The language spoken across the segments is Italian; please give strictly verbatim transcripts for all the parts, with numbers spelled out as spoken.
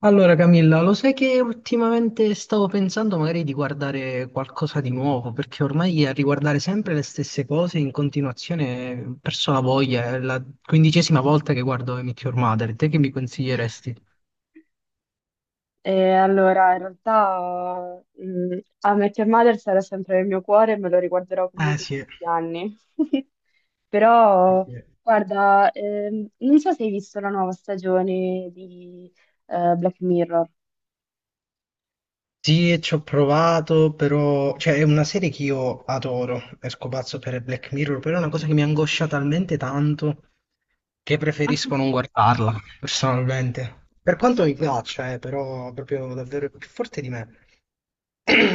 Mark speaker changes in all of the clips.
Speaker 1: Allora Camilla, lo sai che ultimamente stavo pensando magari di guardare qualcosa di nuovo, perché ormai a riguardare sempre le stesse cose in continuazione ho perso la voglia, è la quindicesima volta che guardo I Meet Your Mother, te che mi consiglieresti?
Speaker 2: E allora, in realtà, mh, a Met Your Mother sarà sempre nel mio cuore e me lo riguarderò
Speaker 1: Eh
Speaker 2: comunque
Speaker 1: sì,
Speaker 2: tutti gli anni.
Speaker 1: sì,
Speaker 2: Però,
Speaker 1: sì.
Speaker 2: guarda, ehm, non so se hai visto la nuova stagione di eh, Black Mirror.
Speaker 1: Sì, e ci ho provato, però. Cioè, è una serie che io adoro, esco pazzo per Black Mirror, però è una cosa che mi angoscia talmente tanto che preferisco non guardarla, personalmente. Per quanto mi piaccia, eh, però proprio davvero è più forte di me.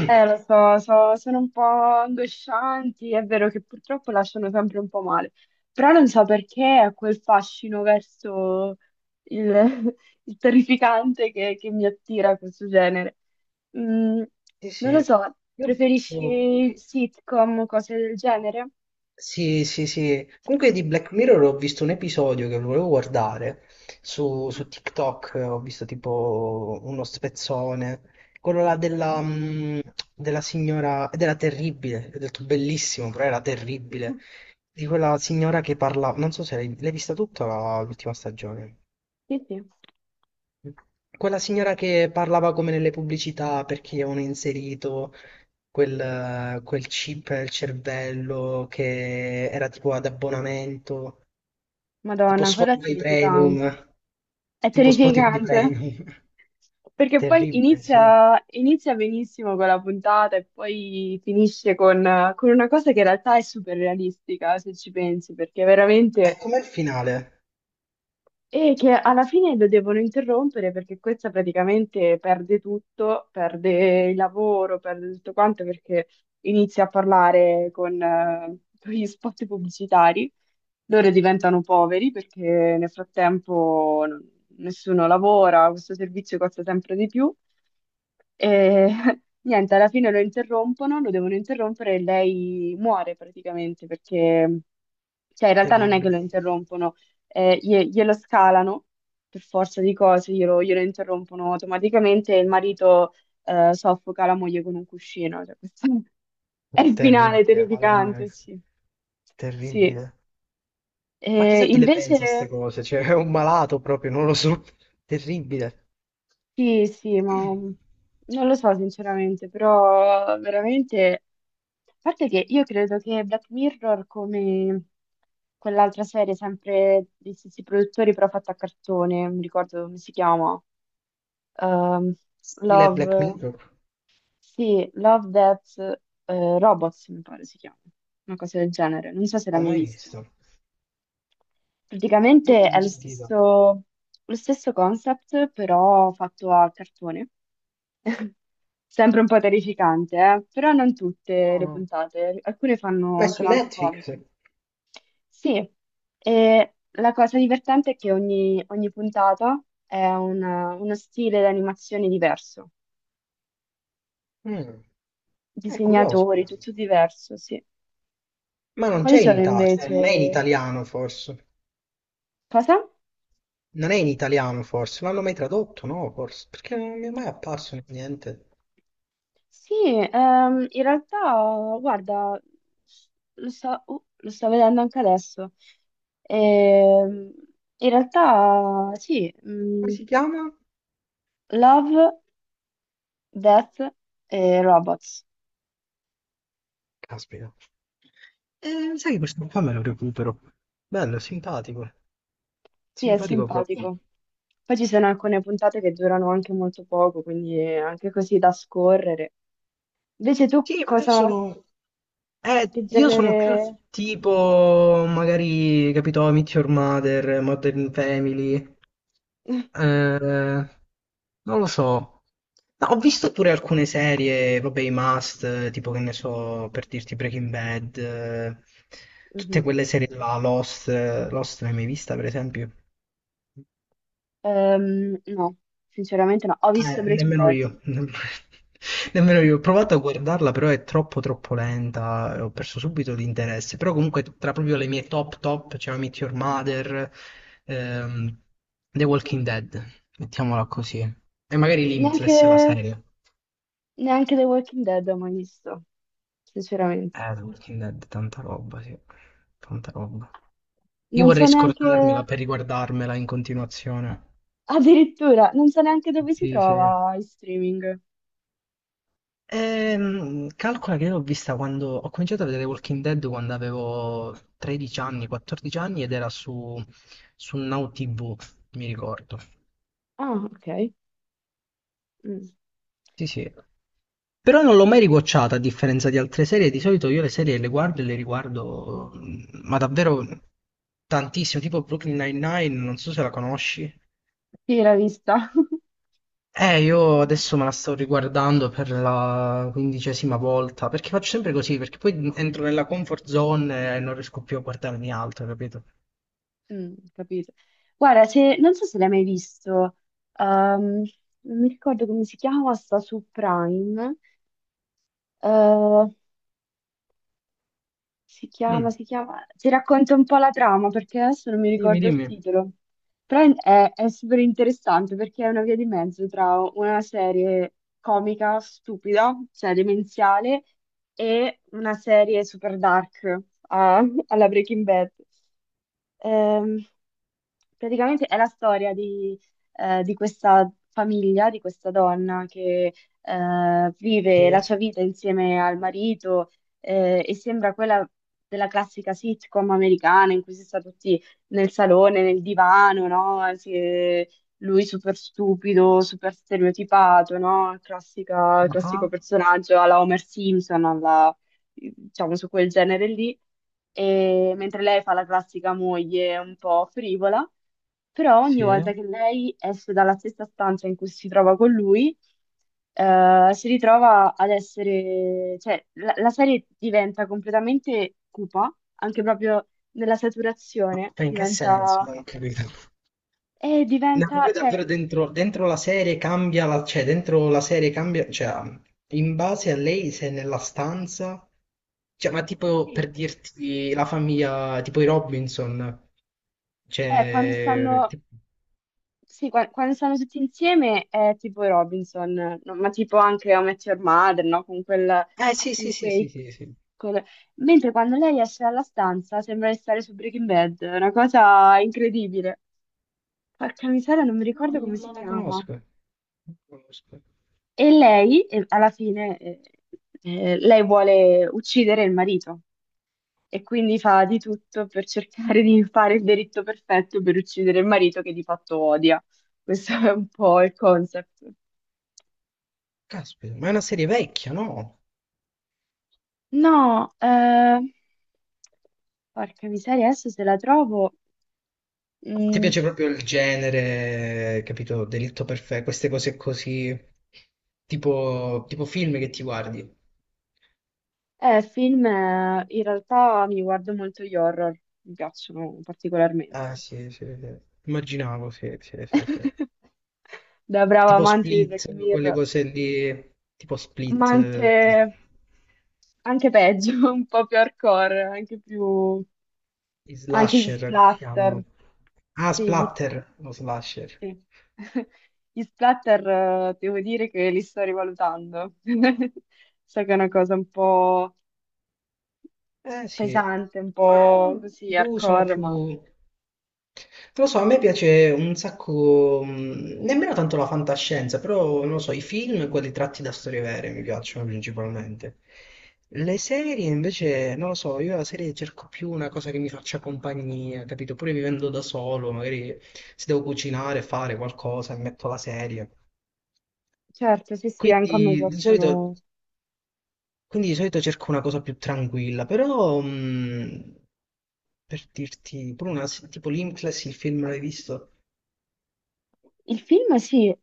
Speaker 2: Eh, lo so, so- sono un po' angoscianti. È vero che purtroppo lasciano sempre un po' male, però non so perché ha quel fascino verso il, il terrificante che, che mi attira questo genere. Mm,
Speaker 1: Sì,
Speaker 2: Non lo
Speaker 1: sì.
Speaker 2: so,
Speaker 1: Io ho visto.
Speaker 2: preferisci sitcom o cose del genere?
Speaker 1: Sì, sì, sì. Comunque di Black Mirror ho visto un episodio che volevo guardare su, su TikTok, ho visto tipo uno spezzone, quello là della, mm, della signora, ed era terribile, ho detto bellissimo, però era terribile, di quella signora che parla, non so se l'hai l'hai vista tutta la- l'ultima stagione,
Speaker 2: Sì, sì.
Speaker 1: quella signora che parlava come nelle pubblicità perché avevano inserito quel, quel chip nel cervello che era tipo ad abbonamento, tipo
Speaker 2: Madonna, quella è
Speaker 1: Spotify
Speaker 2: terrificante.
Speaker 1: Premium,
Speaker 2: È
Speaker 1: tipo Spotify
Speaker 2: terrificante.
Speaker 1: Premium.
Speaker 2: Perché poi
Speaker 1: Terribile, sì.
Speaker 2: inizia, inizia benissimo con la puntata e poi finisce con, con una cosa che in realtà è super realistica, se ci pensi, perché
Speaker 1: E
Speaker 2: veramente
Speaker 1: com'è il finale?
Speaker 2: e che alla fine lo devono interrompere perché questa praticamente perde tutto, perde il lavoro, perde tutto quanto perché inizia a parlare con, eh, con gli spot pubblicitari. Loro diventano poveri perché nel frattempo non- nessuno lavora, questo servizio costa sempre di più. E niente, alla fine lo interrompono, lo devono interrompere e lei muore praticamente perché, cioè in realtà non è che
Speaker 1: Terribile.
Speaker 2: lo interrompono eh, glie- glielo scalano per forza di cose, glielo, glielo interrompono automaticamente e il marito eh, soffoca la moglie con un cuscino. Cioè, questo è il finale
Speaker 1: Terribile, madonna
Speaker 2: terrificante,
Speaker 1: mia.
Speaker 2: sì. Sì.
Speaker 1: Terribile. Ma
Speaker 2: Eh,
Speaker 1: chissà chi le
Speaker 2: invece,
Speaker 1: pensa a queste cose, cioè è un malato proprio, non lo so. Terribile.
Speaker 2: sì, sì, ma mm, non lo so sinceramente, però veramente. A parte che io credo che Black Mirror, come quell'altra serie sempre degli stessi produttori però fatta a cartone, non mi ricordo come si chiama. Ehm,
Speaker 1: Stile Black
Speaker 2: Love,
Speaker 1: Mirror?
Speaker 2: sì, Love Death eh, Robots, mi pare si chiama, una cosa del genere, non so se
Speaker 1: Non
Speaker 2: l'hai
Speaker 1: ho
Speaker 2: mai
Speaker 1: mai
Speaker 2: vista.
Speaker 1: visto. Non l'ho
Speaker 2: Praticamente è
Speaker 1: mai
Speaker 2: lo
Speaker 1: sentito.
Speaker 2: stesso, lo stesso concept, però fatto a cartone. Sempre un po' terrificante, eh? Però non tutte le
Speaker 1: No.
Speaker 2: puntate, alcune
Speaker 1: Ma è
Speaker 2: fanno,
Speaker 1: su
Speaker 2: sono anche
Speaker 1: Netflix?
Speaker 2: comiche. Sì, e la cosa divertente è che ogni, ogni puntata è una- uno stile di animazione diverso.
Speaker 1: Mm, è curioso.
Speaker 2: Disegnatori, tutto diverso, sì.
Speaker 1: Ma non
Speaker 2: Quali
Speaker 1: c'è in
Speaker 2: sono
Speaker 1: Italia,
Speaker 2: invece?
Speaker 1: non è in italiano forse.
Speaker 2: Cosa?
Speaker 1: Non è in italiano forse, non l'hanno mai tradotto, no, forse, perché non mi è mai apparso in niente.
Speaker 2: Sì, ehm, in realtà, guarda, lo sto, uh, lo sto vedendo anche adesso. Ehm, In realtà, sì,
Speaker 1: Come
Speaker 2: mm,
Speaker 1: si chiama?
Speaker 2: Love, Death e Robots.
Speaker 1: Caspita. Eh, sai che questo qua me lo recupero. Bello, simpatico.
Speaker 2: Sì, è
Speaker 1: Simpatico proprio.
Speaker 2: simpatico. Poi ci sono alcune puntate che durano anche molto poco, quindi è anche così da scorrere. Invece tu
Speaker 1: Sì, ma io
Speaker 2: cosa,
Speaker 1: sono. Eh,
Speaker 2: che
Speaker 1: io sono più
Speaker 2: genere.
Speaker 1: tipo, magari, capito, I Meet Your Mother, Modern Family, eh, non lo so. No, ho visto pure alcune serie, vabbè, i must, eh, tipo che ne so, per dirti Breaking Bad, eh, tutte
Speaker 2: Mhm.
Speaker 1: quelle serie là, Lost, eh, Lost l'hai mai vista, per esempio?
Speaker 2: Ehm, no, sinceramente no. Ho visto
Speaker 1: Eh,
Speaker 2: Breaking
Speaker 1: nemmeno
Speaker 2: Bad.
Speaker 1: io, nemmeno io. Ho provato a guardarla, però è troppo troppo lenta, e ho perso subito l'interesse. Però comunque tra proprio le mie top top c'è Meet Your Mother, ehm, The Walking Dead, mettiamola così. E magari
Speaker 2: Neanche,
Speaker 1: Limitless la serie.
Speaker 2: neanche The Walking Dead ho mai visto, sinceramente.
Speaker 1: Eh, The Walking Dead, tanta roba, sì. Tanta roba. Io
Speaker 2: Non so
Speaker 1: vorrei
Speaker 2: neanche,
Speaker 1: scordarmela per riguardarmela in continuazione.
Speaker 2: addirittura, non so neanche dove si
Speaker 1: Sì, sì.
Speaker 2: trova in streaming.
Speaker 1: Ehm, calcola che io l'ho vista quando ho cominciato a vedere Walking Dead quando avevo tredici anni, quattordici anni ed era su, su Now T V, mi ricordo.
Speaker 2: Ah, ok. Mm.
Speaker 1: Sì, sì. Però non l'ho mai riguardata a differenza di altre serie. Di solito io le serie le guardo e le riguardo, mm, ma davvero tantissimo, tipo Brooklyn Nine-Nine, non so se la conosci.
Speaker 2: Sì, l'ho vista.
Speaker 1: Eh, io adesso me la sto riguardando per la quindicesima volta, perché faccio sempre così, perché poi entro nella comfort zone e non riesco più a guardarmi altro, capito?
Speaker 2: Mm, capito. Guarda, se, non so se l'hai mai visto, ehm, non mi ricordo come si chiama, sta su Prime. Eh, Si chiama,
Speaker 1: Mm.
Speaker 2: si chiama... Ti racconto un po' la trama perché adesso non mi
Speaker 1: Dimmi,
Speaker 2: ricordo il
Speaker 1: dimmi.
Speaker 2: titolo. Però è, è super interessante perché è una via di mezzo tra una serie comica stupida, cioè demenziale, e una serie super dark a- alla Breaking Bad. Ehm, praticamente è la storia di, eh, di questa famiglia, di questa donna che eh, vive la
Speaker 1: Sì?
Speaker 2: sua vita insieme al marito eh, e sembra quella della classica sitcom americana in cui si sta tutti nel salone, nel divano, no? Si- lui super stupido, super stereotipato, no? Classica-
Speaker 1: Ah,
Speaker 2: classico personaggio alla Homer Simpson, alla, diciamo su quel genere lì e- mentre lei fa la classica moglie un po' frivola, però ogni
Speaker 1: sì.
Speaker 2: volta che lei esce dalla stessa stanza in cui si trova con lui, eh, si ritrova ad essere, cioè la, la serie diventa completamente cupa, anche proprio nella saturazione,
Speaker 1: Ma in che senso?
Speaker 2: diventa,
Speaker 1: Non ho capito.
Speaker 2: e
Speaker 1: No,
Speaker 2: diventa,
Speaker 1: proprio
Speaker 2: cioè,
Speaker 1: davvero dentro, dentro la serie cambia, la- cioè dentro la serie cambia, cioè in base a lei se è nella stanza, cioè ma tipo per
Speaker 2: sì,
Speaker 1: dirti la famiglia, tipo i Robinson,
Speaker 2: eh, quando
Speaker 1: cioè...
Speaker 2: stanno.
Speaker 1: ti-
Speaker 2: Sì, qua- quando stanno tutti insieme è tipo i Robinson, no? Ma tipo anche How I Met Your Mother, no? Con quel,
Speaker 1: Eh sì sì
Speaker 2: con
Speaker 1: sì
Speaker 2: quei.
Speaker 1: sì sì sì,
Speaker 2: col- Mentre quando lei esce dalla stanza sembra di stare su Breaking Bad, è una cosa incredibile. Porca miseria, non mi
Speaker 1: no,
Speaker 2: ricordo
Speaker 1: non,
Speaker 2: come si
Speaker 1: non la
Speaker 2: chiama.
Speaker 1: conosco, non la conosco.
Speaker 2: E lei, eh, alla fine, eh, eh, lei vuole uccidere il marito e quindi fa di tutto per cercare di fare il delitto perfetto per uccidere il marito che di fatto odia. Questo è un po' il concept.
Speaker 1: Caspita, ma è una serie vecchia, no?
Speaker 2: No, eh, porca miseria, adesso se la trovo.
Speaker 1: Ti
Speaker 2: Mm,
Speaker 1: piace proprio il genere, capito? Delitto perfetto, queste cose così, tipo, tipo film che ti guardi.
Speaker 2: eh, film, eh, in realtà mi guardo molto gli horror, mi piacciono
Speaker 1: Ah,
Speaker 2: particolarmente.
Speaker 1: sì, sì, sì. Immaginavo, sì, sì, sì, sì.
Speaker 2: Da brava
Speaker 1: Tipo
Speaker 2: amante di Black
Speaker 1: Split, quelle
Speaker 2: Mirror,
Speaker 1: cose lì, tipo
Speaker 2: ma
Speaker 1: Split,
Speaker 2: anche,
Speaker 1: eh,
Speaker 2: anche peggio, un po' più hardcore, anche più.
Speaker 1: i
Speaker 2: Anche gli
Speaker 1: slasher, come si
Speaker 2: splatter.
Speaker 1: chiamano? Ah,
Speaker 2: Sì, gli-
Speaker 1: Splatter, lo slasher.
Speaker 2: Sì. Gli splatter, eh, devo dire che li sto rivalutando. So che è una cosa un po'
Speaker 1: Eh sì,
Speaker 2: pesante, un
Speaker 1: ma
Speaker 2: po' così
Speaker 1: boh, sono
Speaker 2: hardcore,
Speaker 1: più.
Speaker 2: ma
Speaker 1: Non lo so, a me piace un sacco, mh, nemmeno tanto la fantascienza, però non lo so, i film, quelli tratti da storie vere mi piacciono principalmente. Le serie invece, non lo so, io la serie cerco più una cosa che mi faccia compagnia, capito? Pure vivendo da solo, magari se devo cucinare, fare qualcosa, mi metto la serie.
Speaker 2: certo, sì, sì, anche a me
Speaker 1: Quindi di
Speaker 2: piacciono.
Speaker 1: solito quindi di solito cerco una cosa più tranquilla, però mh, per dirti, pure una, se- tipo Limitless, il film l'hai visto?
Speaker 2: Il film, sì.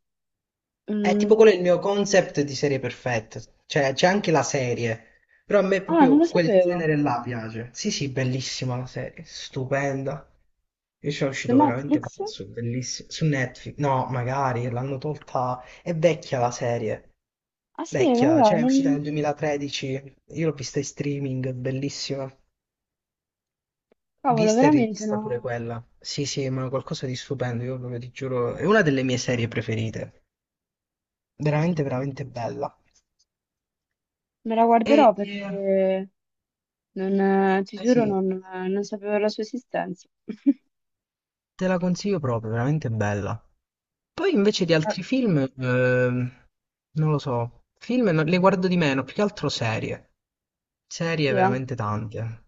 Speaker 1: È
Speaker 2: Mm.
Speaker 1: tipo quello è il mio concept di serie perfetta, cioè c'è anche la serie, però a me
Speaker 2: Ah, non
Speaker 1: proprio
Speaker 2: lo
Speaker 1: quel
Speaker 2: sapevo.
Speaker 1: genere là piace. Sì, sì, bellissima la serie, stupenda. Io ci sono
Speaker 2: Su
Speaker 1: uscito veramente
Speaker 2: Netflix?
Speaker 1: pazzo, bellissimo. Su Netflix, no, magari l'hanno tolta, è vecchia la serie.
Speaker 2: Ah, sì,
Speaker 1: Vecchia,
Speaker 2: vabbè,
Speaker 1: cioè è uscita
Speaker 2: non.
Speaker 1: nel duemilatredici, io l'ho vista in streaming, è bellissima.
Speaker 2: Cavolo,
Speaker 1: Vista e
Speaker 2: veramente
Speaker 1: rivista pure
Speaker 2: no.
Speaker 1: quella. Sì, sì, ma qualcosa di stupendo, io proprio ti giuro, è una delle mie serie preferite. Veramente, veramente bella.
Speaker 2: Me la
Speaker 1: E
Speaker 2: guarderò
Speaker 1: eh,
Speaker 2: perché non, eh, ti
Speaker 1: eh
Speaker 2: giuro,
Speaker 1: sì,
Speaker 2: non, non sapevo la sua esistenza.
Speaker 1: te la consiglio proprio, veramente bella. Poi invece di
Speaker 2: Eh,
Speaker 1: altri film, ehm, non lo so, film non- le guardo di meno, più che altro serie. Serie
Speaker 2: Sì, eh.
Speaker 1: veramente tante.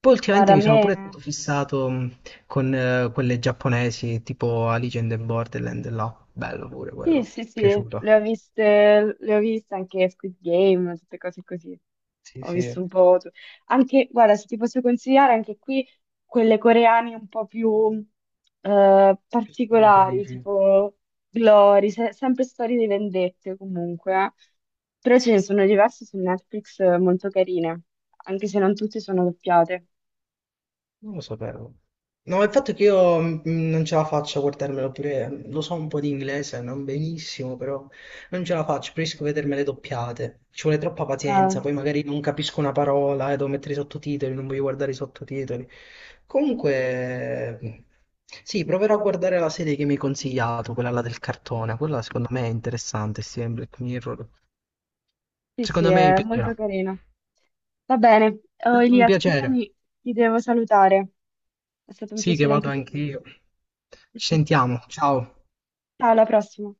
Speaker 1: Poi ultimamente
Speaker 2: Guarda, a
Speaker 1: mi sono
Speaker 2: me.
Speaker 1: pure stato fissato mh, con eh, quelle giapponesi, tipo Alice in the Borderland, là. Bello pure
Speaker 2: Sì,
Speaker 1: quello,
Speaker 2: sì, sì,
Speaker 1: piaciuto.
Speaker 2: le ho viste, le ho viste anche Squid Game, tutte cose così.
Speaker 1: Sì,
Speaker 2: Ho
Speaker 1: sì,
Speaker 2: visto un po'. tu- Anche, guarda, se ti posso consigliare, anche qui quelle coreane un po' più eh,
Speaker 1: più spinta
Speaker 2: particolari,
Speaker 1: dici.
Speaker 2: tipo Glory, se- sempre storie di vendette comunque. eh. Però ce ne sono diverse su Netflix eh, molto carine, anche se non tutte sono doppiate.
Speaker 1: Non lo sapevo. No, il fatto è che io mm, non ce la faccio a guardarmelo pure, lo so un po' di inglese, non benissimo, però non ce la faccio, preferisco vedermele doppiate. Ci vuole troppa
Speaker 2: Eh,
Speaker 1: pazienza, poi magari non capisco una parola e devo mettere i sottotitoli, non voglio guardare i sottotitoli. Comunque, sì, proverò a guardare la serie che mi hai consigliato, quella là del cartone, quella secondo me è interessante, sì, in Black Mirror.
Speaker 2: Sì, sì,
Speaker 1: Secondo me mi
Speaker 2: è molto
Speaker 1: piacerà.
Speaker 2: carino.
Speaker 1: È
Speaker 2: Va bene. Oh,
Speaker 1: stato un
Speaker 2: Elia,
Speaker 1: piacere.
Speaker 2: scusami, ti devo salutare. È stato un
Speaker 1: Sì, che
Speaker 2: piacere
Speaker 1: vado
Speaker 2: anche per me.
Speaker 1: anch'io. Ci sentiamo, ciao.
Speaker 2: Ciao, alla prossima.